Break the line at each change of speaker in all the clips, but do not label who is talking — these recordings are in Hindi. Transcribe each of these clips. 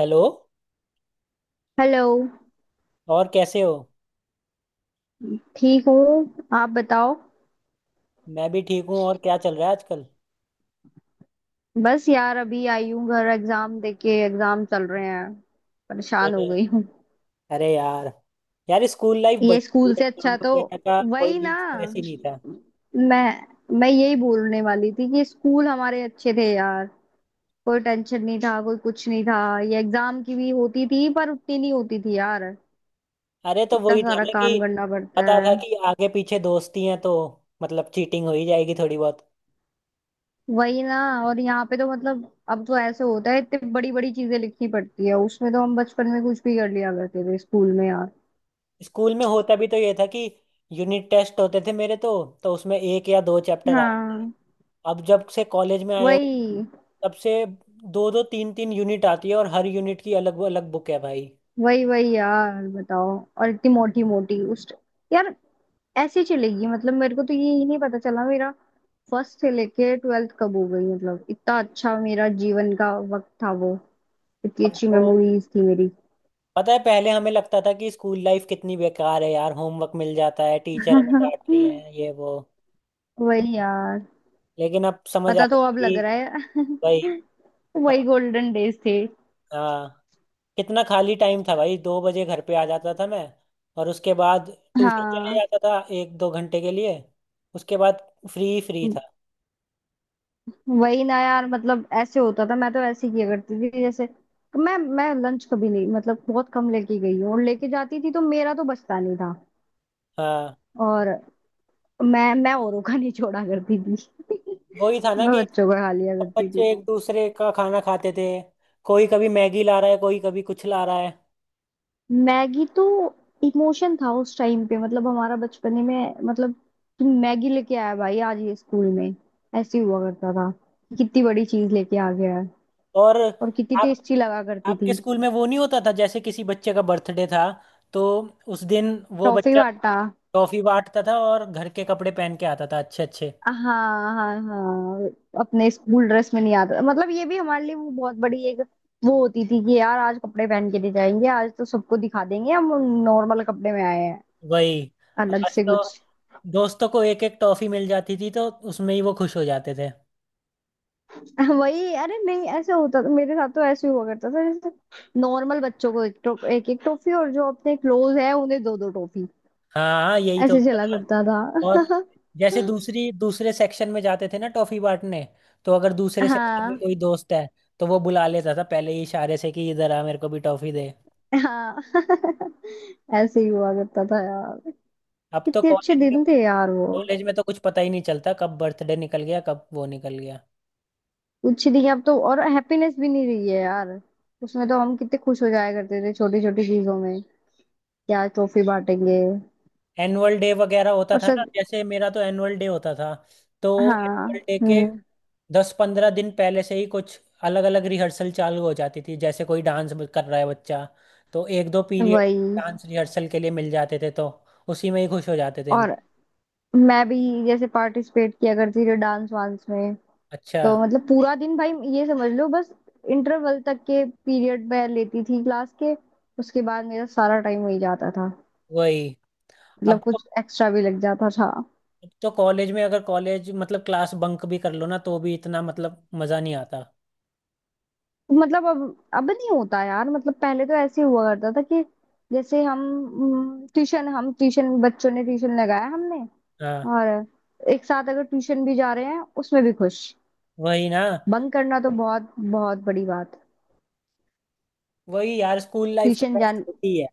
हेलो।
हेलो।
और कैसे हो।
ठीक हूँ, आप बताओ।
मैं भी ठीक हूँ। और क्या चल रहा है आजकल।
बस यार अभी आई हूँ घर, एग्जाम देके। एग्जाम चल रहे हैं, परेशान हो
अरे।
गई हूँ।
अरे यार। यार स्कूल लाइफ बड़ी
ये
थी,
स्कूल से
एग्जाम
अच्छा तो
वगैरह का
वही
कोई
ना।
स्ट्रेस ही नहीं था।
मैं यही बोलने वाली थी कि स्कूल हमारे अच्छे थे यार। कोई टेंशन नहीं था, कोई कुछ नहीं था। ये एग्जाम की भी होती थी, पर उतनी नहीं होती थी यार।
अरे तो
इतना
वही था
सारा
ना कि
काम करना पड़ता
पता
है।
था कि आगे पीछे दोस्ती हैं तो मतलब चीटिंग हो ही जाएगी थोड़ी बहुत।
वही ना। और यहाँ पे तो मतलब अब तो ऐसे होता है, इतनी बड़ी बड़ी चीजें लिखनी पड़ती है उसमें। तो हम बचपन में कुछ भी कर लिया करते थे स्कूल में यार।
स्कूल में होता भी तो ये था कि यूनिट टेस्ट होते थे मेरे तो उसमें एक या दो चैप्टर आते थे।
हाँ।
अब जब से कॉलेज में आया हूँ,
वही
तब से दो दो तीन तीन यूनिट आती है और हर यूनिट की अलग अलग बुक है भाई।
वही वही यार, बताओ। और इतनी मोटी मोटी उस, यार ऐसी चलेगी मतलब! मेरे को तो ये ही नहीं पता चला, मेरा फर्स्ट से लेके ट्वेल्थ कब हो गई। मतलब इतना अच्छा मेरा जीवन का वक्त था वो, इतनी
अब
अच्छी
तो
मेमोरीज थी मेरी।
पता है, पहले हमें लगता था कि स्कूल लाइफ कितनी बेकार है यार, होमवर्क मिल जाता है, टीचर हमें डांट रही है, ये वो।
वही यार।
लेकिन अब समझ आ
पता तो
रहा है
अब लग
कि
रहा
भाई।
है।
अब-
वही गोल्डन डेज थे।
हाँ, कितना खाली टाइम था भाई, 2 बजे घर पे आ जाता था मैं। और उसके बाद ट्यूशन चले
हाँ
जाता था 1-2 घंटे के लिए। उसके बाद फ्री फ्री था।
वही ना यार। मतलब ऐसे होता था, मैं तो ऐसे किया करती थी, जैसे मैं लंच कभी नहीं, मतलब बहुत कम लेके गई हूँ, और लेके जाती थी तो मेरा तो बचता नहीं था।
हाँ
और मैं औरों का नहीं छोड़ा करती थी।
वही था ना
मैं
कि
बच्चों का खा लिया
सब
करती थी।
बच्चे एक दूसरे का खाना खाते थे। कोई कभी मैगी ला रहा है, कोई कभी कुछ ला रहा है।
मैगी तो इमोशन था उस टाइम पे, मतलब हमारा बचपन ही में मतलब, कि मैगी लेके आया भाई आज ये स्कूल में। ऐसे हुआ करता था, कितनी बड़ी चीज लेके आ गया है।
और
और कितनी
आप
टेस्टी लगा करती
आपके
थी।
स्कूल में वो नहीं होता था, जैसे किसी बच्चे का बर्थडे था तो उस दिन वो
टॉफी
बच्चा
बांटा।
टॉफी बांटता था और घर के कपड़े पहन के आता था, अच्छे अच्छे।
हाँ, हाँ, हाँ। अपने स्कूल ड्रेस में नहीं आता, मतलब ये भी हमारे लिए वो बहुत बड़ी एक वो होती थी, कि यार आज कपड़े पहन के नहीं जाएंगे, आज तो सबको दिखा देंगे हम नॉर्मल कपड़े में आए हैं,
वही।
अलग
आज
से
तो
कुछ।
दोस्तों को एक एक टॉफी मिल जाती थी तो उसमें ही वो खुश हो जाते थे।
वही, अरे नहीं, ऐसे होता था मेरे साथ। तो ऐसे ही हुआ करता था, जैसे नॉर्मल बच्चों को एक टॉफी, और जो अपने क्लोज है उन्हें दो दो टॉफी।
हाँ हाँ, यही तो
ऐसे
होता
चला
था।
करता था।
और जैसे दूसरी दूसरे सेक्शन में जाते थे ना टॉफी बांटने, तो अगर दूसरे सेक्शन में
हाँ।
कोई दोस्त है तो वो बुला लेता था पहले ही इशारे से कि इधर आ मेरे को भी टॉफी दे।
हाँ। ऐसे ही हुआ करता था यार।
अब तो
कितने अच्छे
कॉलेज में
दिन थे यार वो।
कॉलेज में तो कुछ पता ही नहीं चलता कब बर्थडे निकल गया, कब वो निकल गया।
कुछ नहीं, अब तो और हैप्पीनेस भी नहीं रही है यार। उसमें तो हम कितने खुश हो जाया करते थे छोटी छोटी चीजों में, क्या ट्रॉफी बांटेंगे
एनुअल डे वगैरह होता
और
था ना,
सब।
जैसे मेरा तो एनुअल डे होता था, तो
हाँ।
एनुअल डे के
हम्म।
10-15 दिन पहले से ही कुछ अलग अलग रिहर्सल चालू हो जाती थी, जैसे कोई डांस कर रहा है बच्चा तो 1-2 पीरियड
वही।
डांस रिहर्सल के लिए मिल जाते थे, तो उसी में ही खुश हो जाते थे हम।
और मैं भी जैसे पार्टिसिपेट किया करती थी डांस वांस में,
अच्छा।
तो मतलब पूरा दिन भाई, ये समझ लो बस, इंटरवल तक के पीरियड में लेती थी क्लास के, उसके बाद मेरा सारा टाइम वही जाता था।
वही। अब
मतलब
तो
कुछ एक्स्ट्रा भी लग जाता था।
अब तो कॉलेज में अगर कॉलेज मतलब क्लास बंक भी कर लो ना तो भी इतना मतलब मज़ा नहीं आता।
मतलब अब नहीं होता यार। मतलब पहले तो ऐसे हुआ करता था कि, जैसे हम ट्यूशन, हम ट्यूशन बच्चों ने ट्यूशन लगाया हमने,
हाँ
और एक साथ अगर ट्यूशन भी जा रहे हैं उसमें भी खुश।
वही ना।
बंक करना तो बहुत बहुत बड़ी बात।
वही यार, स्कूल लाइफ तो
ट्यूशन
बेस्ट
जान,
होती है।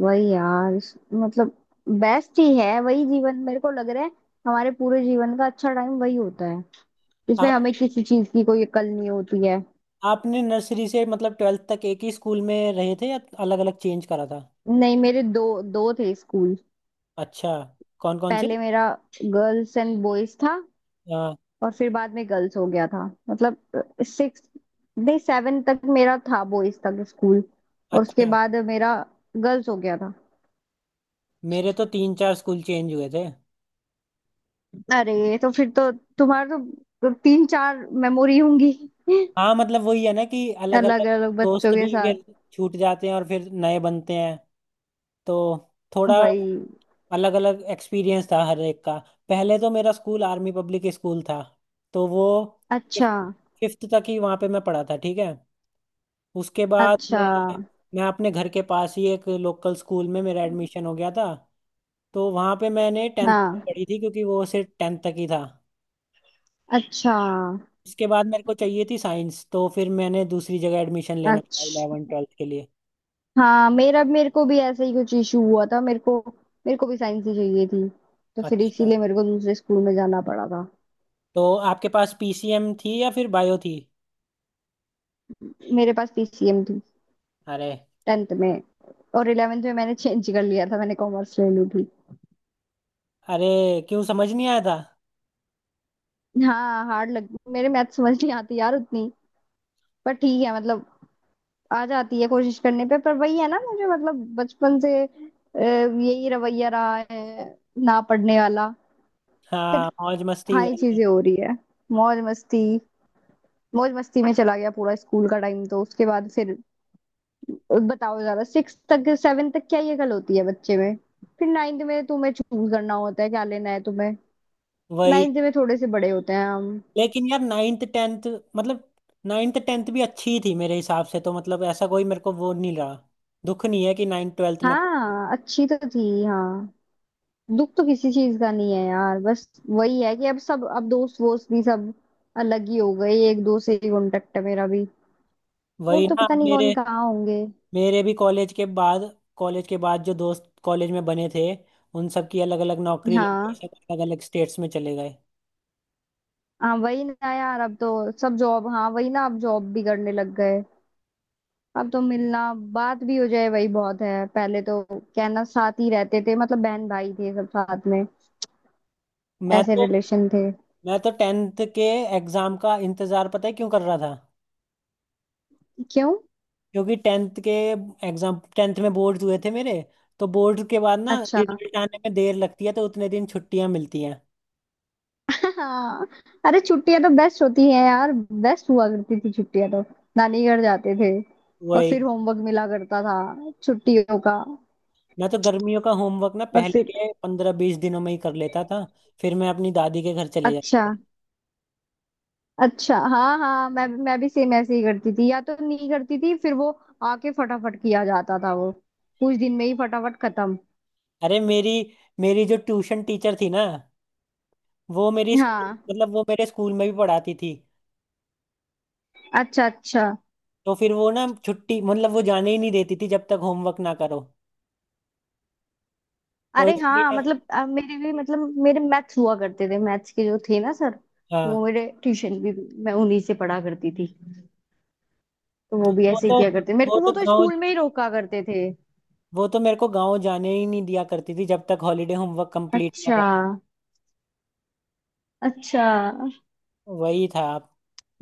वही यार मतलब बेस्ट ही है वही जीवन, मेरे को लग रहा है हमारे पूरे जीवन का अच्छा टाइम वही होता है, जिसमें
आपने
हमें किसी चीज की कोई अकल नहीं होती है।
आपने नर्सरी से मतलब ट्वेल्थ तक एक ही स्कूल में रहे थे या अलग अलग चेंज करा था।
नहीं, मेरे दो, दो थे स्कूल।
अच्छा। कौन कौन से।
पहले मेरा गर्ल्स एंड बॉयज था,
हाँ।
और फिर बाद में गर्ल्स हो गया था। मतलब सिक्स, नहीं सेवन तक मेरा था बॉयज तक स्कूल, और उसके
अच्छा।
बाद मेरा गर्ल्स हो गया था।
मेरे तो तीन चार स्कूल चेंज हुए थे।
अरे तो फिर तो तुम्हारे तो तीन चार मेमोरी होंगी।
हाँ मतलब वही है ना कि अलग
अलग
अलग
अलग
दोस्त
बच्चों
भी
के साथ।
फिर छूट जाते हैं और फिर नए बनते हैं, तो थोड़ा
वही।
अलग अलग एक्सपीरियंस था हर एक का। पहले तो मेरा स्कूल आर्मी पब्लिक स्कूल था, तो वो
अच्छा।
फिफ्थ तक ही वहाँ पे मैं पढ़ा था, ठीक है। उसके बाद मैं
अच्छा।
मैं अपने घर के पास ही एक लोकल स्कूल में मेरा एडमिशन हो गया था। तो वहाँ पे मैंने टेंथ तक
हाँ।
पढ़ी थी, क्योंकि वो सिर्फ टेंथ तक ही था।
अच्छा।
उसके बाद मेरे को चाहिए थी साइंस तो फिर मैंने दूसरी जगह एडमिशन लेना था
अच्छा।
इलेवन ट्वेल्थ के लिए।
हाँ मेरा, मेरे को भी ऐसा ही कुछ इशू हुआ था। मेरे को, मेरे को भी साइंस ही चाहिए थी, तो फिर
अच्छा।
इसीलिए मेरे को दूसरे स्कूल में जाना पड़ा था।
तो आपके पास पीसीएम थी या फिर बायो थी।
मेरे पास पीसीएम थी
अरे।
टेंथ में, और इलेवेंथ में मैंने चेंज कर लिया था, मैंने कॉमर्स ले ली थी।
अरे क्यों, समझ नहीं आया था।
हाँ हार्ड लग, मेरे मैथ समझ नहीं आती यार उतनी। पर ठीक है मतलब आ जाती है कोशिश करने पे, पर वही है ना, मुझे मतलब बचपन से यही रवैया रहा है, ना पढ़ने वाला।
हाँ
फिर
मौज मस्ती
हाँ ये
वाले।
चीजें हो रही है। मौज मस्ती, मौज मस्ती में चला गया पूरा स्कूल का टाइम, तो उसके बाद फिर बताओ जरा, सिक्स तक सेवन तक क्या ये कल होती है बच्चे में? फिर नाइन्थ में तुम्हें चूज करना होता है क्या लेना है तुम्हें।
वही।
नाइन्थ में थोड़े से बड़े होते हैं हम।
लेकिन यार नाइन्थ टेंथ, मतलब नाइन्थ टेंथ भी अच्छी ही थी मेरे हिसाब से तो, मतलब ऐसा कोई मेरे को वो नहीं रहा। दुख नहीं है कि नाइन्थ ट्वेल्थ में।
हाँ अच्छी तो थी हाँ। दुख तो किसी चीज का नहीं है यार, बस वही है कि अब सब, अब दोस्त वोस्त भी सब अलग ही हो गए। एक दो से ही कांटेक्ट है मेरा भी, और
वही
तो
ना।
पता
अब
नहीं
मेरे।
कौन कहाँ होंगे।
मेरे भी कॉलेज के बाद जो दोस्त कॉलेज में बने थे, उन सब की अलग अलग नौकरी लग गई,
हाँ।
सब अलग अलग स्टेट्स में चले गए।
हाँ वही ना यार, अब तो सब जॉब, हाँ वही ना, अब जॉब भी करने लग गए। अब तो मिलना बात भी हो जाए वही बहुत है, पहले तो कहना साथ ही रहते थे मतलब बहन भाई थे सब साथ में,
मैं
ऐसे
तो
रिलेशन थे।
मैं तो टेंथ के एग्जाम का इंतजार, पता है क्यों कर रहा था।
क्यों?
क्योंकि टेंथ के एग्जाम, टेंथ में बोर्ड हुए थे मेरे, तो बोर्ड के बाद ना
अच्छा।
रिजल्ट आने में देर लगती है, तो उतने दिन छुट्टियां मिलती हैं।
हाँ। अरे छुट्टियां तो बेस्ट होती हैं यार। बेस्ट हुआ करती थी छुट्टियां तो। नानी घर जाते थे, और फिर
वही।
होमवर्क मिला करता था छुट्टियों का।
मैं तो गर्मियों का होमवर्क ना
और
पहले
फिर
के 15-20 दिनों में ही कर लेता था। फिर मैं अपनी दादी के घर चले जाता
अच्छा,
था।
अच्छा। हाँ, हाँ, मैं भी सेम ऐसे ही करती थी, या तो नहीं करती थी फिर वो आके फटाफट किया जाता था, वो कुछ दिन में ही फटाफट खत्म।
अरे मेरी मेरी जो ट्यूशन टीचर थी ना, वो मेरी स्कूल
हाँ
मतलब वो मेरे स्कूल में भी पढ़ाती थी।
अच्छा, अच्छा,
तो फिर वो ना छुट्टी, मतलब वो जाने ही नहीं देती थी जब तक होमवर्क ना करो, तो
अरे हाँ
इसलिए।
मतलब मेरे भी मतलब मेरे मैथ्स हुआ करते थे, मैथ्स के जो थे ना सर,
हाँ।
वो मेरे ट्यूशन भी, मैं उन्हीं से पढ़ा करती थी। तो वो भी
वो
ऐसे ही
तो
किया करते, मेरे
वो
को
तो
वो तो
गाँव
स्कूल में ही रोका करते थे।
वो तो मेरे को गाँव जाने ही नहीं दिया करती थी जब तक हॉलीडे होमवर्क कंप्लीट ना
अच्छा।
कर।
अच्छा।
वही था।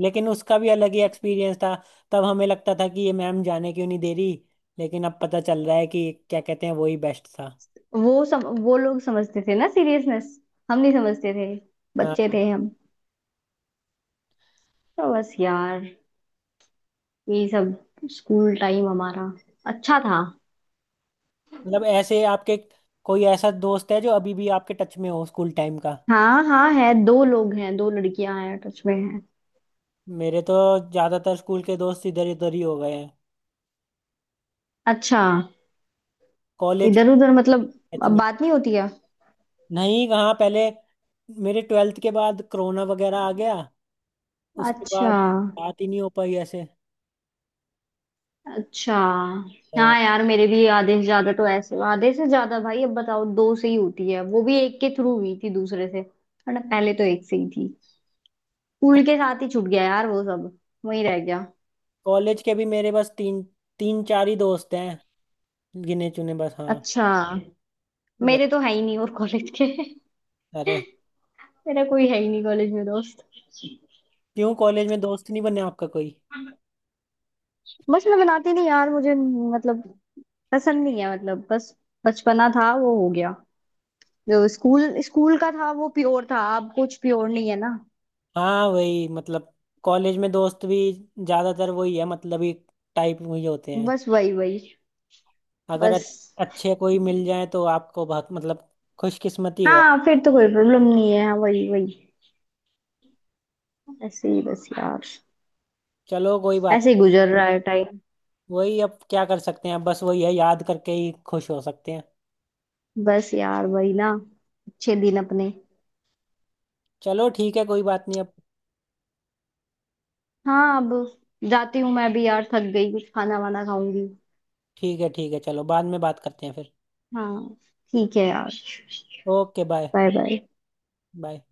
लेकिन उसका भी अलग ही एक्सपीरियंस था। तब हमें लगता था कि ये मैम जाने क्यों नहीं दे रही, लेकिन अब पता चल रहा है कि क्या कहते हैं, वही बेस्ट था।
वो लोग समझते थे ना सीरियसनेस, हम नहीं समझते थे, बच्चे
हाँ।
थे हम। तो बस यार यही सब, स्कूल टाइम हमारा अच्छा था।
मतलब ऐसे आपके कोई ऐसा दोस्त है जो अभी भी आपके टच में हो, स्कूल टाइम का।
हाँ हाँ है, दो लोग हैं, दो लड़कियां हैं टच में हैं।
मेरे तो ज्यादातर स्कूल के दोस्त इधर उधर ही हो गए हैं।
अच्छा।
कॉलेज
इधर उधर
के।
मतलब
टच
अब
में।
बात नहीं होती है?
नहीं, कहाँ। पहले, मेरे ट्वेल्थ के बाद कोरोना वगैरह आ गया, उसके
अच्छा,
बाद बात ही नहीं हो पाई ऐसे।
अच्छा। हाँ यार मेरे भी आधे से ज्यादा तो ऐसे, आधे से ज्यादा भाई अब बताओ, दो से ही होती है, वो भी एक के थ्रू हुई थी दूसरे से, वरना पहले तो एक से ही थी। स्कूल
को-
के साथ ही छूट गया यार वो सब, वही रह गया।
कॉलेज के भी मेरे बस तीन तीन चार ही दोस्त हैं, गिने चुने बस, हाँ।
अच्छा। मेरे
वही।
तो है ही नहीं और कॉलेज के।
अरे
मेरा कोई है ही नहीं कॉलेज में दोस्त।
क्यों, कॉलेज में दोस्त नहीं बने आपका कोई।
बस मैं बनाती नहीं यार, मुझे मतलब पसंद नहीं है मतलब। बस बचपना था वो हो गया। जो स्कूल स्कूल का था वो प्योर था, अब कुछ प्योर नहीं है ना।
हाँ वही मतलब, कॉलेज में दोस्त भी ज्यादातर वही है मतलब, ही टाइप वही होते हैं।
बस वही वही
अगर
बस।
अच्छे कोई मिल जाए तो आपको बहुत मतलब खुशकिस्मती हो।
हाँ फिर तो कोई प्रॉब्लम नहीं है, हाँ वही वही। ऐसे ही बस यार,
चलो कोई बात।
ऐसे ही गुजर रहा है टाइम।
वही, अब क्या कर सकते हैं, अब बस वही है, याद करके ही खुश हो सकते हैं।
बस यार वही ना, अच्छे दिन अपने।
चलो ठीक है, कोई बात नहीं अब।
हाँ अब जाती हूँ मैं भी यार, थक गई, कुछ खाना वाना खाऊंगी।
ठीक है ठीक है, चलो बाद में बात करते हैं फिर।
हाँ ठीक है यार।
Okay bye.
Bye bye.
Bye.